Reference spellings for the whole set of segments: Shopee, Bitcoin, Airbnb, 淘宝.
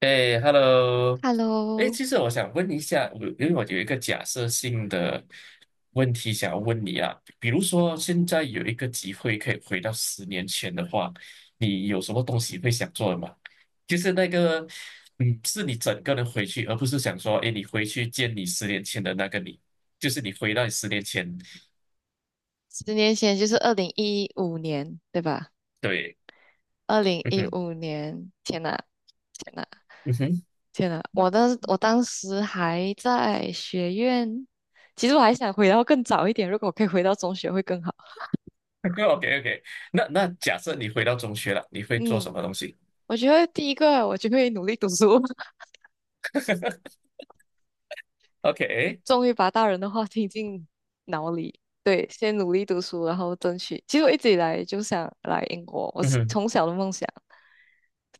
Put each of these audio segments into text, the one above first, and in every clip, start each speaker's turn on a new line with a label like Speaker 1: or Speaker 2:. Speaker 1: 哎，Hello，哎，
Speaker 2: Hello，
Speaker 1: 其实我想问一下，因为我有一个假设性的问题想要问你啊，比如说现在有一个机会可以回到十年前的话，你有什么东西会想做的吗？就是那个，嗯，是你整个人回去，而不是想说，哎，你回去见你十年前的那个你，就是你回到你十年前，
Speaker 2: 10年前就是二零一五年，对吧？
Speaker 1: 对，
Speaker 2: 二零
Speaker 1: 嗯
Speaker 2: 一
Speaker 1: 哼，
Speaker 2: 五年，天呐，天呐，
Speaker 1: 嗯哼
Speaker 2: 天呐！我当时还在学院。其实我还想回到更早一点，如果我可以回到中学会更好。
Speaker 1: ，OK OK，那假设你回到中学了，你会做
Speaker 2: 嗯，
Speaker 1: 什么东西
Speaker 2: 我觉得第一个我就会努力读书。
Speaker 1: ？OK，
Speaker 2: 终于把大人的话听进脑里。对，先努力读书，然后争取。其实我一直以来就想来英国，我
Speaker 1: 嗯
Speaker 2: 是
Speaker 1: 哼
Speaker 2: 从小的梦想。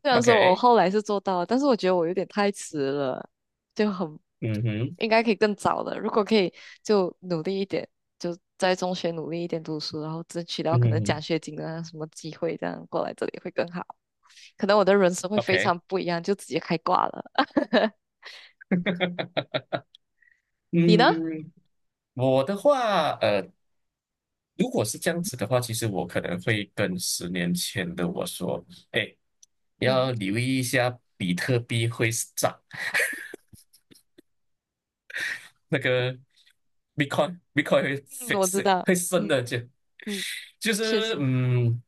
Speaker 2: 虽然说我后
Speaker 1: ，OK。
Speaker 2: 来是做到了，但是我觉得我有点太迟了，就很
Speaker 1: 嗯哼，
Speaker 2: 应该可以更早的。如果可以，就努力一点，就在中学努力一点读书，然后争取到
Speaker 1: 嗯
Speaker 2: 可能奖
Speaker 1: 哼
Speaker 2: 学金啊什么机会，这样过来这里会更好。可能我的人生会非
Speaker 1: ，OK，
Speaker 2: 常不一样，就直接开挂了。你呢？
Speaker 1: 嗯，我的话，如果是这样子的话，其实我可能会跟十年前的我说，哎，
Speaker 2: 嗯
Speaker 1: 要留意一下比特币会涨，那个 Bitcoin 会
Speaker 2: 嗯，我知
Speaker 1: f i
Speaker 2: 道，
Speaker 1: 会升
Speaker 2: 嗯
Speaker 1: 的，就
Speaker 2: 嗯，
Speaker 1: 就
Speaker 2: 确
Speaker 1: 是
Speaker 2: 实，
Speaker 1: 嗯，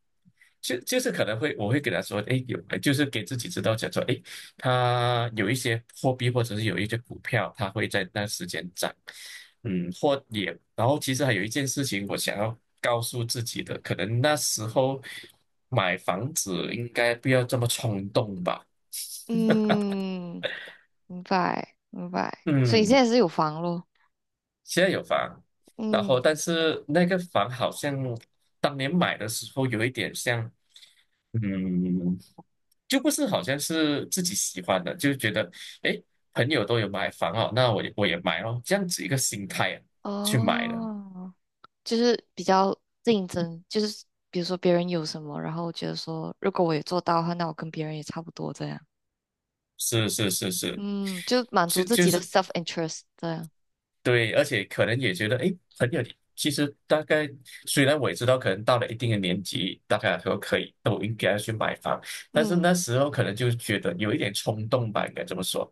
Speaker 1: 就是可能会我会给他说，哎，有就是给自己知道讲说，哎，它有一些货币或者是有一些股票，它会在那时间涨，嗯，或也然后其实还有一件事情我想要告诉自己的，可能那时候买房子应该不要这么冲动吧，
Speaker 2: 嗯，明白明白。所以现
Speaker 1: 嗯。
Speaker 2: 在是有房咯，
Speaker 1: 现在有房，然后
Speaker 2: 嗯
Speaker 1: 但是那个房好像当年买的时候有一点像，嗯，就不是好像是自己喜欢的，就觉得诶，朋友都有买房哦，那我也买哦，这样子一个心态啊去买的，
Speaker 2: 哦。就是比较竞争，就是比如说别人有什么，然后我觉得说如果我也做到的话，那我跟别人也差不多这样。
Speaker 1: 是是是是，
Speaker 2: 嗯，就满足
Speaker 1: 就
Speaker 2: 自
Speaker 1: 就
Speaker 2: 己的
Speaker 1: 是
Speaker 2: self interest 这样。
Speaker 1: 对，而且可能也觉得，哎，很有。其实大概虽然我也知道，可能到了一定的年纪，大概说可以都应该要去买房，但是
Speaker 2: 嗯
Speaker 1: 那时候可能就觉得有一点冲动吧，应该这么说。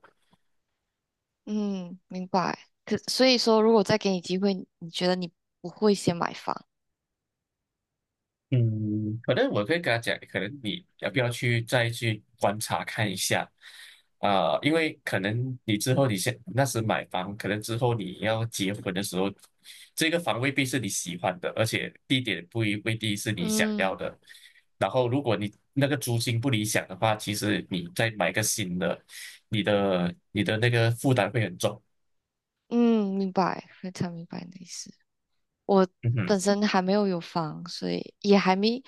Speaker 2: 嗯，明白。可所以说，如果再给你机会，你觉得你不会先买房？
Speaker 1: 嗯，可能我可以跟他讲，可能你要不要去再去观察看一下啊、因为可能你之后你先那时买房，可能之后你要结婚的时候，这个房未必是你喜欢的，而且地点不一未必是你想要
Speaker 2: 嗯
Speaker 1: 的。然后，如果你那个租金不理想的话，其实你再买个新的，你的那个负担会很重。
Speaker 2: 嗯，明白，非常明白你的意思。我
Speaker 1: 嗯哼。
Speaker 2: 本身还没有有房，所以也还没，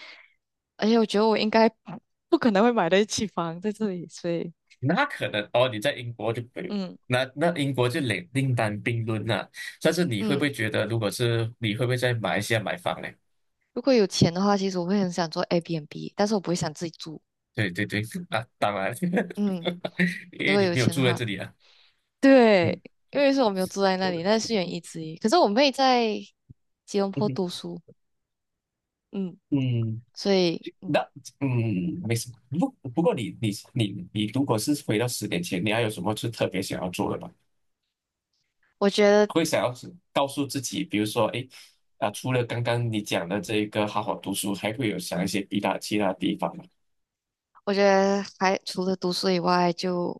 Speaker 2: 而且我觉得我应该 不可能会买得起房在这里，所以
Speaker 1: 那可能哦，你在英国就没有
Speaker 2: 嗯
Speaker 1: 那英国就另另当别论了。但是你会不
Speaker 2: 嗯。
Speaker 1: 会觉得，如果是你会不会在马来西亚买房呢？
Speaker 2: 如果有钱的话，其实我会很想做 Airbnb，但是我不会想自己住。
Speaker 1: 对对对，啊，当然，
Speaker 2: 嗯，
Speaker 1: 因
Speaker 2: 如
Speaker 1: 为
Speaker 2: 果
Speaker 1: 你
Speaker 2: 有
Speaker 1: 没有
Speaker 2: 钱的
Speaker 1: 住在
Speaker 2: 话，
Speaker 1: 这里啊。
Speaker 2: 对，
Speaker 1: 嗯
Speaker 2: 因为是我没有住在那里，那是原因之一。可是我妹在吉隆坡读书。嗯，
Speaker 1: 嗯，
Speaker 2: 所以
Speaker 1: 那嗯没什么。不过你如果是回到十年前，你还有什么是特别想要做的吗？
Speaker 2: 我觉得，
Speaker 1: 会想要是告诉自己，比如说，哎，啊，除了刚刚你讲的这个好好读书，还会有想一些其他地方吗？
Speaker 2: 我觉得还除了读书以外就，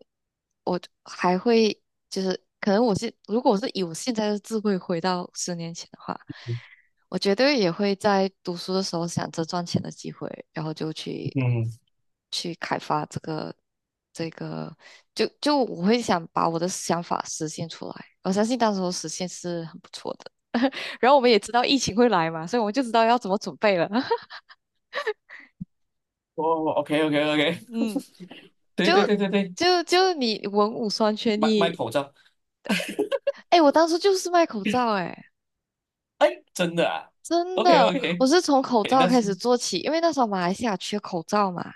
Speaker 2: 我还会就是，可能如果我是以我现在的智慧回到十年前的话，我绝对也会在读书的时候想着赚钱的机会，然后就去
Speaker 1: 嗯，
Speaker 2: 去开发这个，就我会想把我的想法实现出来。我相信到时候实现是很不错的。然后我们也知道疫情会来嘛，所以我们就知道要怎么准备了。
Speaker 1: 哦，OK OK OK，
Speaker 2: 嗯，
Speaker 1: 对
Speaker 2: 就
Speaker 1: 对对对对，
Speaker 2: 就你文武双全，
Speaker 1: 卖
Speaker 2: 你
Speaker 1: 口罩，
Speaker 2: 哎，我当初就是卖口罩哎。
Speaker 1: 哎，真的啊
Speaker 2: 真
Speaker 1: ，OK
Speaker 2: 的，我
Speaker 1: OK，
Speaker 2: 是从口
Speaker 1: 哎，
Speaker 2: 罩
Speaker 1: 那
Speaker 2: 开始
Speaker 1: 是，
Speaker 2: 做起，因为那时候马来西亚缺口罩嘛。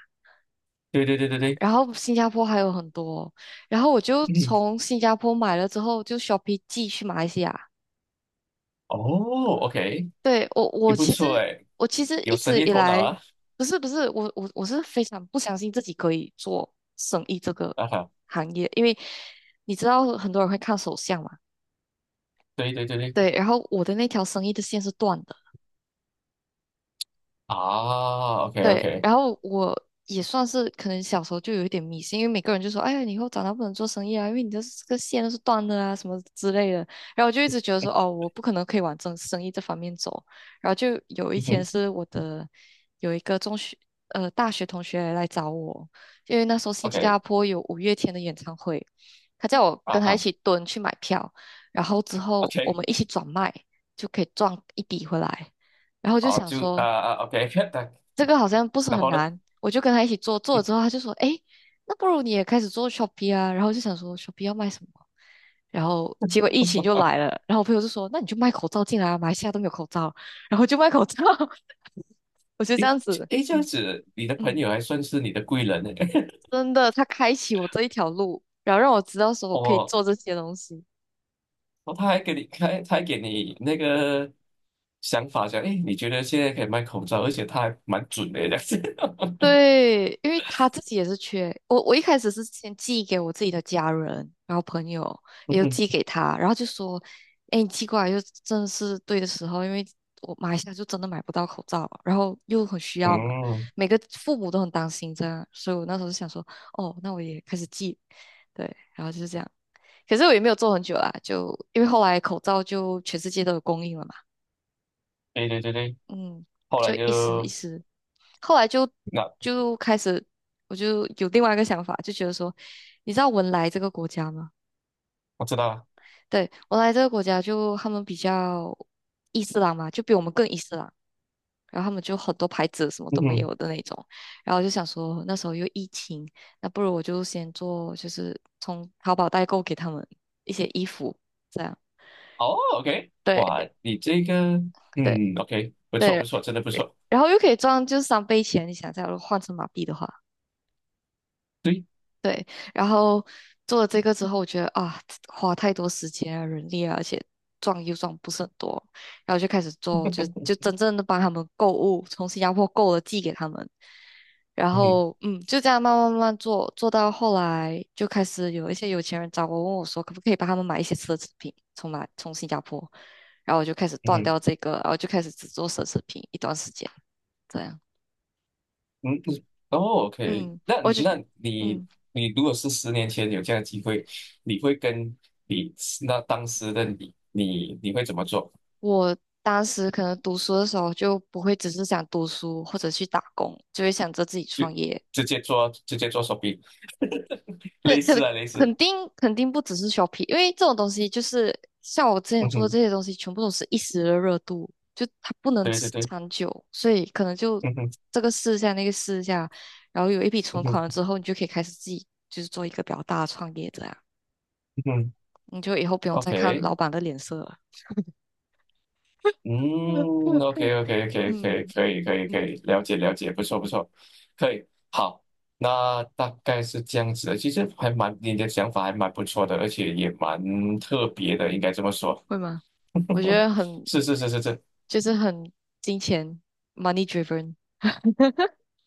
Speaker 1: 对对对对对，
Speaker 2: 然后新加坡还有很多。然后我就
Speaker 1: 嗯，
Speaker 2: 从新加坡买了之后，就 shopping 寄去马来西亚。
Speaker 1: 哦，OK，
Speaker 2: 对，我，
Speaker 1: 也
Speaker 2: 我
Speaker 1: 不
Speaker 2: 其
Speaker 1: 错
Speaker 2: 实
Speaker 1: 哎，
Speaker 2: 我其实
Speaker 1: 有
Speaker 2: 一
Speaker 1: 生
Speaker 2: 直
Speaker 1: 意
Speaker 2: 以
Speaker 1: 头脑
Speaker 2: 来
Speaker 1: 啊，
Speaker 2: 不是我是非常不相信自己可以做生意这个
Speaker 1: 啊哈，
Speaker 2: 行业，因为你知道很多人会看手相嘛。
Speaker 1: 对对对对，
Speaker 2: 对，然后我的那条生意的线是断的。
Speaker 1: 啊，OK
Speaker 2: 对，
Speaker 1: OK，
Speaker 2: 然后我也算是可能小时候就有一点迷信，因为每个人就说：“哎呀，你以后长大不能做生意啊，因为你的这个线都是断的啊，什么之类的。”然后我就一直觉得说：“哦，我不可能可以往这生意这方面走。”然后就有一
Speaker 1: 嗯
Speaker 2: 天
Speaker 1: 哼
Speaker 2: 是我的有一个大学同学来找我，因为那时候新加
Speaker 1: ，OK，
Speaker 2: 坡有五月天的演唱会，他叫我跟
Speaker 1: 啊
Speaker 2: 他一
Speaker 1: 哈
Speaker 2: 起蹲去买票，然后之后我
Speaker 1: ，OK，
Speaker 2: 们一起转卖就可以赚一笔回来。然后就
Speaker 1: 好，
Speaker 2: 想
Speaker 1: 就啊
Speaker 2: 说。
Speaker 1: 啊，OK，
Speaker 2: 这个好像不 是
Speaker 1: 然
Speaker 2: 很
Speaker 1: 后呢，
Speaker 2: 难，我就跟他一起做，做了之后他就说，哎，那不如你也开始做 Shopee 啊，然后我就想说 Shopee 要卖什么，然后结果疫情就来了，然后我朋友就说，那你就卖口罩进来啊，马来西亚都没有口罩，然后就卖口罩。我就这
Speaker 1: 诶
Speaker 2: 样子。
Speaker 1: 诶，这样
Speaker 2: 嗯
Speaker 1: 子，你的朋
Speaker 2: 嗯，
Speaker 1: 友还算是你的贵人呢，
Speaker 2: 真的，他开启我这一条路，然后让我知道说我 可以
Speaker 1: 哦。
Speaker 2: 做这些东西。
Speaker 1: 哦，他还给你开，他还给你那个想法，讲，诶，你觉得现在可以卖口罩，而且他还蛮准的这样子。
Speaker 2: 对，因为他自己也是缺我。我一开始是先寄给我自己的家人，然后朋友
Speaker 1: 嗯
Speaker 2: 也有
Speaker 1: 哼
Speaker 2: 寄给他，然后就说：“哎，你寄过来就真的是对的时候，因为我马来西亚就真的买不到口罩，然后又很需要嘛，
Speaker 1: 嗯，
Speaker 2: 每个父母都很担心这样，所以我那时候就想说，哦，那我也开始寄，对，然后就是这样。可是我也没有做很久啦，就因为后来口罩就全世界都有供应了嘛。
Speaker 1: 对对对对，
Speaker 2: 嗯，
Speaker 1: 后
Speaker 2: 就
Speaker 1: 来
Speaker 2: 一时一
Speaker 1: 就
Speaker 2: 时，后来就
Speaker 1: 那
Speaker 2: 就开始，我就有另外一个想法，就觉得说，你知道文莱这个国家吗？
Speaker 1: 我知道了。
Speaker 2: 对，文莱这个国家就他们比较伊斯兰嘛，就比我们更伊斯兰，然后他们就很多牌子什么
Speaker 1: 嗯
Speaker 2: 都没
Speaker 1: 哼，
Speaker 2: 有的那种，然后我就想说那时候又疫情，那不如我就先做，就是从淘宝代购给他们一些衣服，这样，
Speaker 1: 哦，OK，
Speaker 2: 对
Speaker 1: 哇，你这个，
Speaker 2: 对
Speaker 1: 嗯，OK，不错
Speaker 2: 对，
Speaker 1: 不错，真的不错。
Speaker 2: 然后又可以赚就是3倍钱，你想一下，如果换成马币的话。
Speaker 1: 对，
Speaker 2: 对，然后做了这个之后，我觉得啊，花太多时间啊、人力啊，而且赚又赚不是很多，然后就开始做，就真正的帮他们购物，从新加坡购了寄给他们，然
Speaker 1: 嗯哼
Speaker 2: 后就这样慢慢慢慢做，做到后来就开始有一些有钱人找我，问我说可不可以帮他们买一些奢侈品，从新加坡，然后我就开始
Speaker 1: 嗯
Speaker 2: 断
Speaker 1: 哼
Speaker 2: 掉这个，然后就开始只做奢侈品一段时间，这样。
Speaker 1: 嗯，哦，OK，
Speaker 2: 嗯，
Speaker 1: 那
Speaker 2: 我就。
Speaker 1: 那你
Speaker 2: 嗯。
Speaker 1: 你如果是十年前有这样的机会，你会跟你那当时的你，你你会怎么做？
Speaker 2: 我当时可能读书的时候就不会只是想读书或者去打工，就会想着自己
Speaker 1: 就
Speaker 2: 创业。
Speaker 1: 直接做手臂，
Speaker 2: 可
Speaker 1: 类似
Speaker 2: 可
Speaker 1: 啊类
Speaker 2: 肯
Speaker 1: 似，
Speaker 2: 定肯定不只是 Shopee，因为这种东西就是像我之前
Speaker 1: 嗯
Speaker 2: 做的这
Speaker 1: 哼，
Speaker 2: 些东西，全部都是一时的热度，就它不能
Speaker 1: 对对
Speaker 2: 持
Speaker 1: 对，
Speaker 2: 长久，所以可能就
Speaker 1: 嗯哼
Speaker 2: 这个试一下那个试一下，然后有一笔
Speaker 1: 嗯
Speaker 2: 存款了
Speaker 1: 哼
Speaker 2: 之后，你就可以开始自己就是做一个比较大的创业者啊，
Speaker 1: 嗯哼
Speaker 2: 你就以后不用再看
Speaker 1: ，OK，
Speaker 2: 老板的脸色了。
Speaker 1: 嗯，OK OK OK 可以
Speaker 2: 嗯
Speaker 1: 可以可
Speaker 2: 嗯
Speaker 1: 以可以，
Speaker 2: 嗯
Speaker 1: 了解了解，不错不
Speaker 2: 嗯，
Speaker 1: 错，可以，好，那大概是这样子的，其实还蛮你的想法还蛮不错的，而且也蛮特别的，应该这么说，
Speaker 2: 会吗？我觉得 很。
Speaker 1: 是是是是是。
Speaker 2: 就是很金钱 money driven，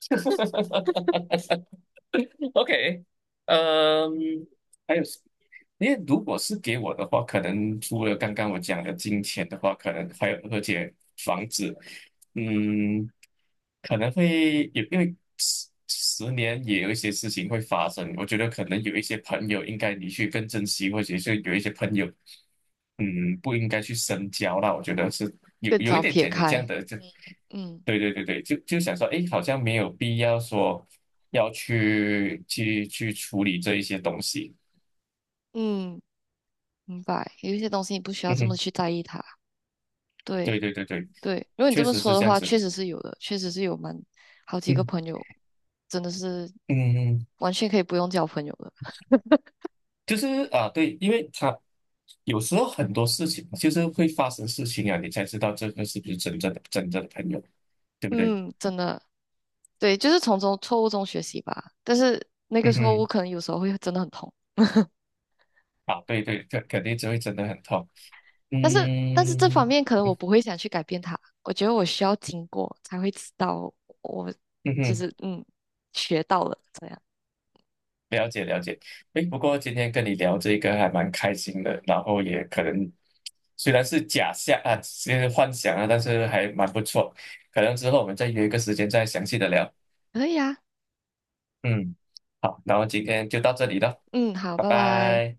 Speaker 1: OK，嗯，还有，因为如果是给我的话，可能除了刚刚我讲的金钱的话，可能还有而且房子，嗯，可能会有，因为十年也有一些事情会发生。我觉得可能有一些朋友应该你去更珍惜，或者是有一些朋友，嗯，不应该去深交啦。我觉得是有
Speaker 2: 更
Speaker 1: 有一
Speaker 2: 早
Speaker 1: 点
Speaker 2: 撇
Speaker 1: 姐姐这样
Speaker 2: 开。
Speaker 1: 的，就
Speaker 2: 嗯，嗯
Speaker 1: 对对对对，就就想说，哎，好像没有必要说要去处理这一些东西。
Speaker 2: 嗯，明白。有一些东西你不需要
Speaker 1: 嗯
Speaker 2: 这么
Speaker 1: 哼，
Speaker 2: 去在意它。
Speaker 1: 对
Speaker 2: 对
Speaker 1: 对对对，
Speaker 2: 对，如果你
Speaker 1: 确
Speaker 2: 这么
Speaker 1: 实
Speaker 2: 说
Speaker 1: 是
Speaker 2: 的
Speaker 1: 这样
Speaker 2: 话，
Speaker 1: 子。
Speaker 2: 确实是有的，确实是有蛮好几个朋
Speaker 1: 嗯
Speaker 2: 友，真的是
Speaker 1: 嗯嗯，
Speaker 2: 完全可以不用交朋友的。
Speaker 1: 就是啊，对，因为他有时候很多事情就是会发生事情啊，你才知道这个是不是真正的朋友，对不对？
Speaker 2: 嗯，真的，对，就是从中错误中学习吧。但是那个
Speaker 1: 嗯
Speaker 2: 错误
Speaker 1: 嗯，
Speaker 2: 可能有时候会真的很痛。
Speaker 1: 啊，对对，肯定就会真的很痛。
Speaker 2: 但是这方
Speaker 1: 嗯
Speaker 2: 面可能我不会想去改变它，我觉得我需要经过才会知道我
Speaker 1: 嗯
Speaker 2: 就
Speaker 1: 哼，
Speaker 2: 是嗯学到了这样，
Speaker 1: 了解了解。诶，不过今天跟你聊这个还蛮开心的，然后也可能虽然是假象啊，是幻想啊，但是还蛮不错。可能之后我们再约一个时间再详细的聊。
Speaker 2: 可以啊，
Speaker 1: 嗯，好，然后今天就到这里了，
Speaker 2: 嗯，好，
Speaker 1: 拜
Speaker 2: 拜拜。
Speaker 1: 拜。